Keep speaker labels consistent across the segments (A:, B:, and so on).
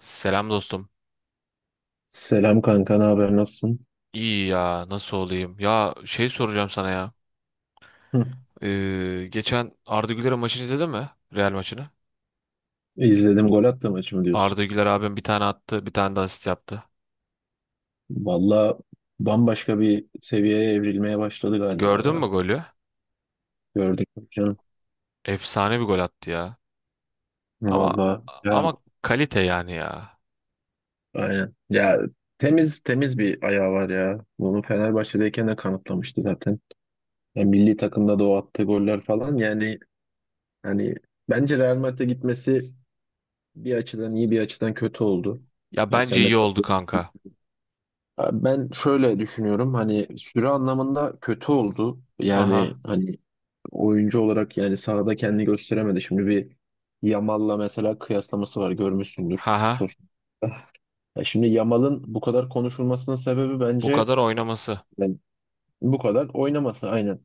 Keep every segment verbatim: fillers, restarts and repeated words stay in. A: Selam dostum.
B: Selam kanka, ne haber, nasılsın?
A: İyi ya nasıl olayım? Ya şey soracağım sana ya.
B: Hı.
A: Ee, geçen Arda Güler'in maçını izledin mi? Real maçını.
B: İzledim, gol attı maçı mı diyorsun?
A: Arda Güler abim bir tane attı bir tane de asist yaptı.
B: Valla, bambaşka bir seviyeye evrilmeye başladı galiba
A: Gördün mü
B: ya.
A: golü?
B: Gördük mü canım.
A: Efsane bir gol attı ya. Ama
B: Valla ya,
A: ama kalite yani ya.
B: aynen. Ya, temiz temiz bir ayağı var ya. Bunu Fenerbahçe'deyken de kanıtlamıştı zaten. Ya, milli takımda da o attığı goller falan, yani hani bence Real Madrid'e gitmesi bir açıdan iyi bir açıdan kötü oldu.
A: Ya
B: Yani
A: bence
B: sen de
A: iyi oldu
B: katılıyorsun.
A: kanka.
B: Ee, Ben şöyle düşünüyorum, hani süre anlamında kötü oldu.
A: Haha.
B: Yani hani, oyuncu olarak yani sahada kendini gösteremedi. Şimdi bir Yamal'la mesela kıyaslaması var, görmüşsündür.
A: Haha.
B: Sosyal. Ya şimdi Yamal'ın bu kadar konuşulmasının sebebi
A: Bu
B: bence
A: kadar oynaması.
B: yani bu kadar oynaması, aynen.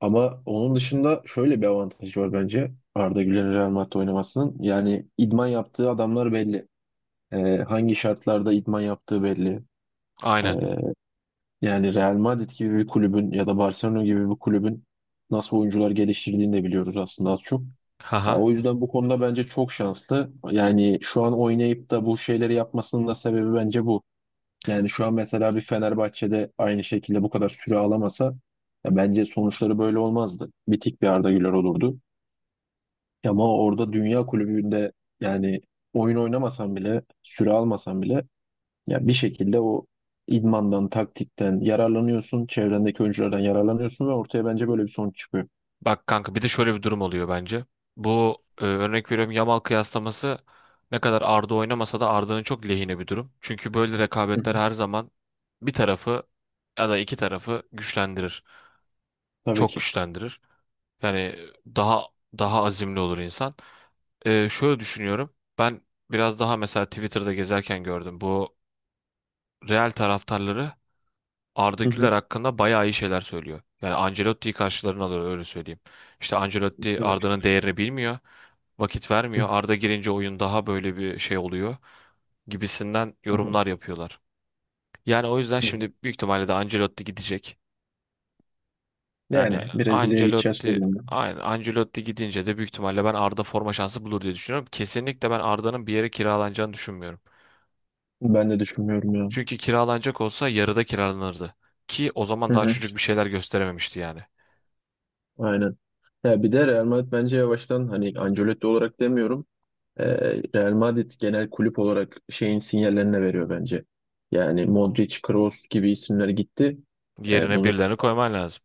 B: Ama onun dışında şöyle bir avantajı var bence Arda Güler'in Real Madrid'de oynamasının. Yani idman yaptığı adamlar belli. Ee, hangi şartlarda idman yaptığı belli. Ee,
A: Aynen.
B: Yani Real Madrid gibi bir kulübün ya da Barcelona gibi bir kulübün nasıl oyuncular geliştirdiğini de biliyoruz aslında az çok. Ya
A: Haha.
B: o yüzden bu konuda bence çok şanslı. Yani şu an oynayıp da bu şeyleri yapmasının da sebebi bence bu. Yani şu an mesela bir Fenerbahçe'de aynı şekilde bu kadar süre alamasa, ya bence sonuçları böyle olmazdı. Bitik bir Arda Güler olurdu. Ama orada, dünya kulübünde yani, oyun oynamasan bile, süre almasan bile, ya bir şekilde o idmandan, taktikten yararlanıyorsun, çevrendeki oyunculardan yararlanıyorsun ve ortaya bence böyle bir sonuç çıkıyor.
A: Bak kanka bir de şöyle bir durum oluyor bence. Bu e, örnek veriyorum, Yamal kıyaslaması ne kadar Arda oynamasa da Arda'nın çok lehine bir durum. Çünkü böyle
B: Hı hı.
A: rekabetler her zaman bir tarafı ya da iki tarafı güçlendirir.
B: Tabii
A: Çok
B: ki.
A: güçlendirir. Yani daha daha azimli olur insan. E, şöyle düşünüyorum. Ben biraz daha mesela Twitter'da gezerken gördüm. Bu Real taraftarları Arda
B: Hı hı.
A: Güler hakkında bayağı iyi şeyler söylüyor. Yani Ancelotti'yi karşılarına alıyor, öyle söyleyeyim. İşte Ancelotti
B: Evet.
A: Arda'nın değerini bilmiyor, vakit
B: Hı
A: vermiyor.
B: hı.
A: Arda girince oyun daha böyle bir şey oluyor gibisinden
B: Hı.
A: yorumlar yapıyorlar. Yani o yüzden
B: Hı.
A: şimdi büyük ihtimalle de Ancelotti gidecek. Yani
B: Yani Brezilya'ya gideceğiz
A: Ancelotti
B: öyle. Ben
A: aynı, Ancelotti gidince de büyük ihtimalle ben Arda forma şansı bulur diye düşünüyorum. Kesinlikle ben Arda'nın bir yere kiralanacağını düşünmüyorum.
B: ben de düşünmüyorum ya.
A: Çünkü kiralanacak olsa yarıda kiralanırdı. Ki o
B: Hı
A: zaman daha
B: hı.
A: çocuk bir şeyler gösterememişti yani.
B: Aynen. Ya bir de Real Madrid bence yavaştan, hani Ancelotti olarak demiyorum. e, Real Madrid genel kulüp olarak şeyin sinyallerini veriyor bence. Yani Modric, Kroos gibi isimler gitti. E,
A: Yerine
B: bunu
A: birilerini koyman lazım.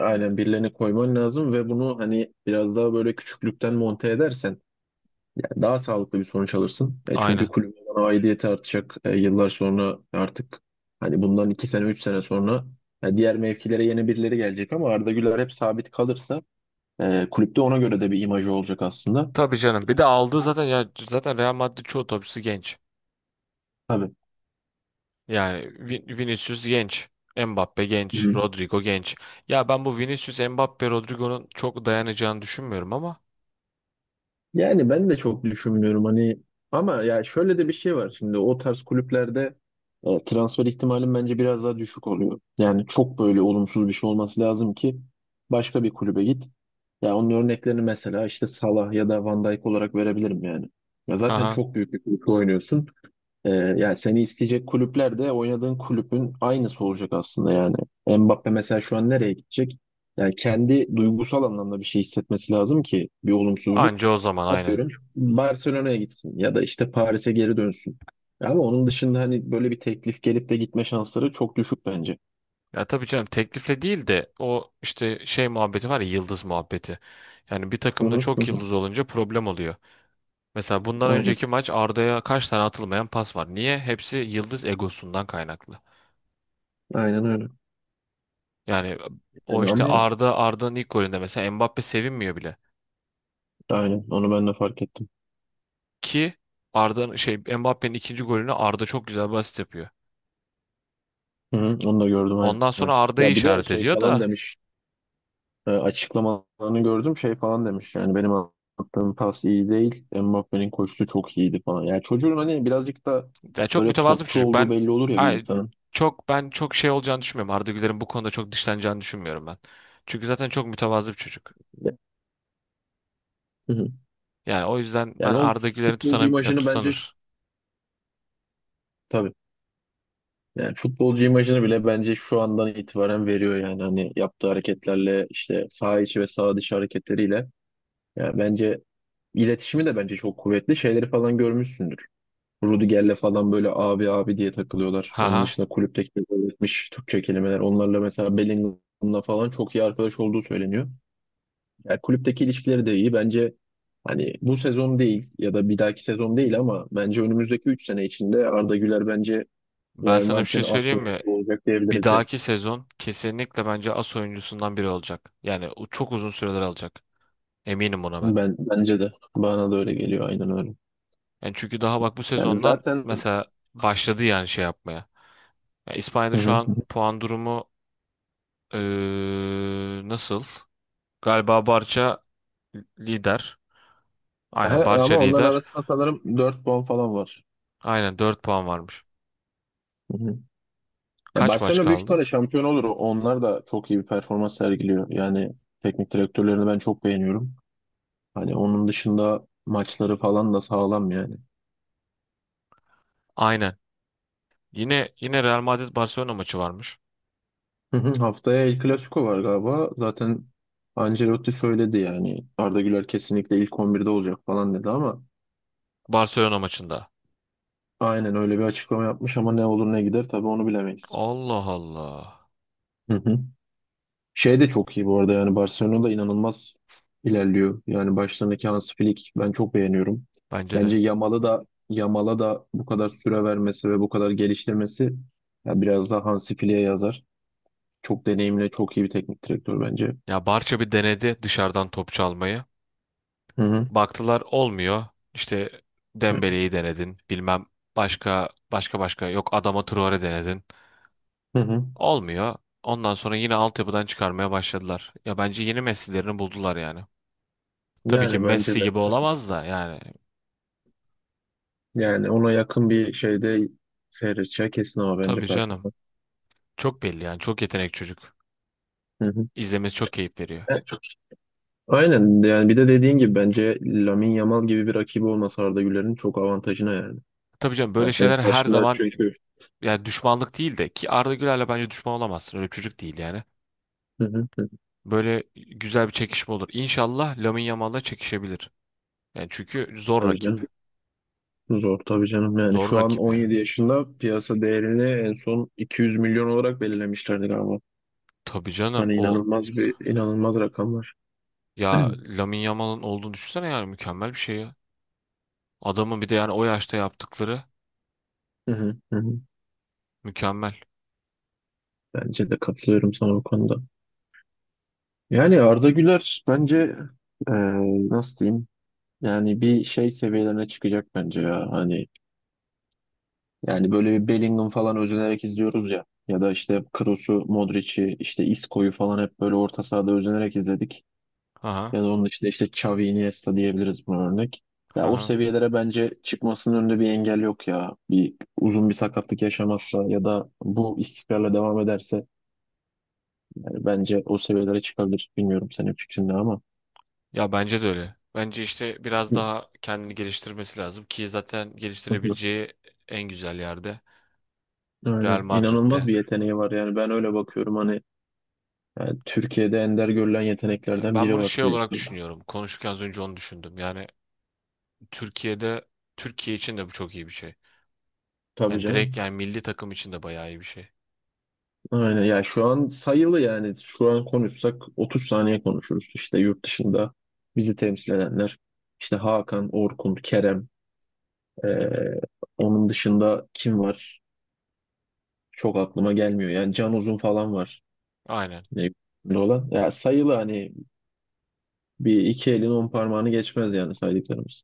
B: aynen, birilerini koyman lazım ve bunu hani biraz daha böyle küçüklükten monte edersen yani daha sağlıklı bir sonuç alırsın. E, çünkü
A: Aynen.
B: kulübün bana aidiyeti artacak. E, yıllar sonra artık, hani bundan iki sene üç sene sonra, e, diğer mevkilere yeni birileri gelecek ama Arda Güler hep sabit kalırsa, e, kulüpte ona göre de bir imajı olacak aslında.
A: Tabii canım. Bir de aldığı
B: Bu,
A: zaten, ya zaten Real Madrid çoğu topçusu genç.
B: tabii.
A: Yani Vin- Vinicius genç. Mbappe genç.
B: Hı.
A: Rodrigo genç. Ya ben bu Vinicius, Mbappe, Rodrigo'nun çok dayanacağını düşünmüyorum ama.
B: Yani ben de çok düşünmüyorum hani, ama ya şöyle de bir şey var şimdi o tarz kulüplerde, e, transfer ihtimalim bence biraz daha düşük oluyor. Yani çok böyle olumsuz bir şey olması lazım ki başka bir kulübe git. Ya onun örneklerini mesela işte Salah ya da Van Dijk olarak verebilirim yani. Ya zaten
A: Haha.
B: çok büyük bir kulüpte oynuyorsun. Ee, yani seni isteyecek kulüpler de oynadığın kulübün aynısı olacak aslında yani. Mbappe mesela şu an nereye gidecek? Yani kendi duygusal anlamda bir şey hissetmesi lazım ki, bir olumsuzluk.
A: Anca o zaman, aynen.
B: Atıyorum, Barcelona'ya gitsin ya da işte Paris'e geri dönsün. Ama onun dışında hani böyle bir teklif gelip de gitme şansları çok düşük bence.
A: Ya tabii canım, teklifle değil de o işte şey muhabbeti var ya, yıldız muhabbeti. Yani bir
B: Hı
A: takımda
B: hı hı.
A: çok
B: Hı.
A: yıldız olunca problem oluyor. Mesela bundan
B: Aynen.
A: önceki maç Arda'ya kaç tane atılmayan pas var. Niye? Hepsi yıldız egosundan kaynaklı.
B: Aynen öyle.
A: Yani e, O
B: Yani
A: işte
B: ama
A: Arda Arda'nın ilk golünde mesela Mbappe sevinmiyor bile.
B: aynen, onu ben de fark ettim.
A: Ki Arda'nın şey, Mbappe'nin ikinci golünü Arda çok güzel bir asist yapıyor.
B: Hı hı, onu da gördüm
A: Ondan
B: aynen.
A: sonra Arda'yı
B: Ya bir de
A: işaret
B: şey
A: ediyor
B: falan
A: da
B: demiş. e, açıklamalarını gördüm, şey falan demiş, yani benim attığım pas iyi değil, Mbappé'nin koşusu çok iyiydi falan. Yani çocuğun hani birazcık da
A: yani çok
B: böyle
A: mütevazı bir
B: topçu
A: çocuk.
B: olduğu
A: Ben
B: belli olur ya bir
A: ay
B: insanın.
A: çok ben çok şey olacağını düşünmüyorum. Arda Güler'in bu konuda çok dışlanacağını düşünmüyorum ben. Çünkü zaten çok mütevazı bir çocuk.
B: Hı hı.
A: Yani o yüzden ben
B: Yani o
A: Arda Güler'i
B: futbolcu
A: tutana, yani
B: imajını bence şu,
A: tutanır.
B: tabii, yani futbolcu imajını bile bence şu andan itibaren veriyor yani, hani yaptığı hareketlerle işte, saha içi ve saha dışı hareketleriyle. Yani bence iletişimi de bence çok kuvvetli, şeyleri falan görmüşsündür. Rudiger'le falan böyle abi abi diye takılıyorlar. Onun
A: Haha.
B: dışında kulüpteki öğretmiş Türkçe kelimeler. Onlarla mesela Bellingham'la falan çok iyi arkadaş olduğu söyleniyor. Yani kulüpteki ilişkileri de iyi. Bence hani bu sezon değil ya da bir dahaki sezon değil, ama bence önümüzdeki üç sene içinde Arda Güler bence
A: Ben
B: Real
A: sana bir şey
B: Madrid'in as
A: söyleyeyim mi?
B: oyuncusu olacak
A: Bir
B: diyebiliriz yani.
A: dahaki sezon kesinlikle bence as oyuncusundan biri olacak. Yani o çok uzun süreler alacak. Eminim buna ben.
B: Ben bence de, bana da öyle geliyor, aynen öyle.
A: Yani çünkü daha bak bu
B: Yani
A: sezondan
B: zaten.
A: mesela başladı yani şey yapmaya. Yani
B: Hı
A: İspanya'da şu
B: hı.
A: an puan durumu eee, nasıl? Galiba Barça lider.
B: Aha,
A: Aynen Barça
B: ama onların
A: lider.
B: arasında sanırım dört puan falan var.
A: Aynen dört puan varmış.
B: Ya
A: Kaç maç
B: Barcelona büyük
A: kaldı?
B: ihtimalle şampiyon olur. Onlar da çok iyi bir performans sergiliyor. Yani teknik direktörlerini ben çok beğeniyorum. Hani onun dışında maçları falan da sağlam yani.
A: Aynen. Yine yine Real Madrid Barcelona maçı varmış.
B: Hı hı. Haftaya El Clasico var galiba. Zaten Ancelotti söyledi yani. Arda Güler kesinlikle ilk on birde olacak falan dedi ama,
A: Barcelona maçında.
B: aynen öyle bir açıklama yapmış ama ne olur ne gider tabii, onu bilemeyiz.
A: Allah Allah.
B: Hı hı. Şey de çok iyi bu arada, yani Barcelona da inanılmaz ilerliyor. Yani başlarındaki Hansi Flick ben çok beğeniyorum.
A: Bence de.
B: Bence Yamal'ı da, Yamal'a da bu kadar süre vermesi ve bu kadar geliştirmesi ya biraz daha Hansi Flick'e yazar. Çok deneyimli, çok iyi bir teknik direktör bence.
A: Ya Barça bir denedi dışarıdan top çalmayı.
B: Hı hı.
A: Baktılar olmuyor. İşte Dembele'yi denedin. Bilmem, başka başka başka yok, Adama Traore denedin.
B: Hı hı.
A: Olmuyor. Ondan sonra yine altyapıdan çıkarmaya başladılar. Ya bence yeni Messi'lerini buldular yani. Tabii ki
B: Yani bence
A: Messi
B: de.
A: gibi olamaz da yani.
B: Yani ona yakın bir şeyde seyredeceği kesin ama bence
A: Tabii canım.
B: performans.
A: Çok belli yani. Çok yetenek çocuk.
B: Hı hı.
A: İzlemesi çok keyif veriyor.
B: Evet, çok iyi. Aynen, yani bir de dediğin gibi bence Lamine Yamal gibi bir rakibi olması Arda Güler'in çok avantajına yani.
A: Tabii canım, böyle
B: Yani senin
A: şeyler her
B: karşında
A: zaman,
B: çünkü,
A: yani düşmanlık değil de ki Arda Güler'le bence düşman olamazsın. Öyle bir çocuk değil yani.
B: hı hı.
A: Böyle güzel bir çekişme olur. İnşallah Lamine Yamal'la çekişebilir. Yani çünkü zor
B: Tabii canım.
A: rakip.
B: Zor tabii canım. Yani
A: Zor
B: şu an
A: rakip ya.
B: on yedi yaşında piyasa değerini en son iki yüz milyon olarak belirlemişlerdi galiba.
A: Tabii canım,
B: Hani
A: o
B: inanılmaz bir, inanılmaz rakamlar.
A: ya Lamine Yamal'ın olduğunu düşünsene yani, mükemmel bir şey ya. Adamın bir de yani o yaşta yaptıkları
B: Hı hı, hı hı.
A: mükemmel.
B: Bence de katılıyorum sana bu konuda. Yani Arda Güler bence, e, nasıl diyeyim? Yani bir şey seviyelerine çıkacak bence ya. Hani yani böyle bir Bellingham falan özenerek izliyoruz ya. Ya da işte Kroos'u, Modric'i, işte Isco'yu falan hep böyle orta sahada özenerek izledik.
A: Aha,
B: Ya da onun dışında işte Xavi, Iniesta diyebiliriz buna örnek. Ya o
A: aha.
B: seviyelere bence çıkmasının önünde bir engel yok ya. Bir uzun bir sakatlık yaşamazsa ya da bu istikrarla devam ederse, yani bence o seviyelere çıkabilir. Bilmiyorum senin fikrin ne ama.
A: Ya bence de öyle. Bence işte biraz daha kendini geliştirmesi lazım ki zaten
B: Hı hı.
A: geliştirebileceği en güzel yerde, Real
B: Aynen. İnanılmaz
A: Madrid'de.
B: bir yeteneği var yani, ben öyle bakıyorum, hani yani Türkiye'de ender görülen
A: E,
B: yeteneklerden
A: Ben
B: biri
A: bunu
B: var
A: şey olarak
B: çocukta.
A: düşünüyorum. Konuşurken az önce onu düşündüm. Yani Türkiye'de Türkiye için de bu çok iyi bir şey.
B: Tabii
A: Yani direkt
B: canım.
A: yani milli takım için de bayağı iyi bir şey.
B: Aynen ya, şu an sayılı, yani şu an konuşsak otuz saniye konuşuruz. İşte yurt dışında bizi temsil edenler işte Hakan, Orkun, Kerem, ee, onun dışında kim var? Çok aklıma gelmiyor. Yani Can Uzun falan var.
A: Aynen.
B: Ne olan. Ya sayılı hani, bir iki elin on parmağını geçmez yani saydıklarımız.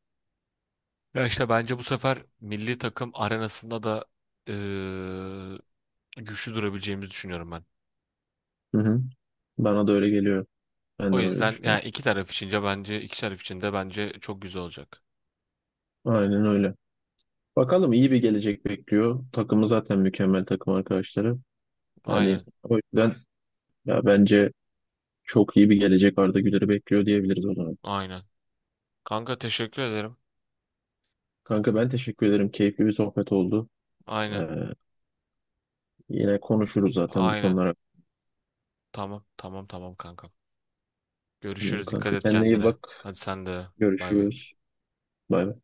A: Ya işte bence bu sefer milli takım arenasında da eee, güçlü durabileceğimizi düşünüyorum ben.
B: Hı hı. Bana da öyle geliyor. Ben
A: O
B: de böyle
A: yüzden
B: düşünüyorum.
A: yani iki taraf içince bence iki taraf için de bence çok güzel olacak.
B: Aynen öyle. Bakalım iyi bir gelecek bekliyor. Takımı zaten mükemmel, takım arkadaşları. Hani
A: Aynen.
B: o yüzden, ya bence çok iyi bir gelecek Arda Güler'i bekliyor diyebiliriz o zaman.
A: Aynen. Kanka teşekkür ederim.
B: Kanka ben teşekkür ederim. Keyifli bir sohbet oldu.
A: Aynen.
B: Ee, yine konuşuruz zaten bu
A: Aynen.
B: konular
A: Tamam. Tamam tamam kanka.
B: hakkında.
A: Görüşürüz. Dikkat
B: Kanka
A: et
B: kendine iyi
A: kendine.
B: bak.
A: Hadi sen de. Bay bay.
B: Görüşürüz. Bay bay.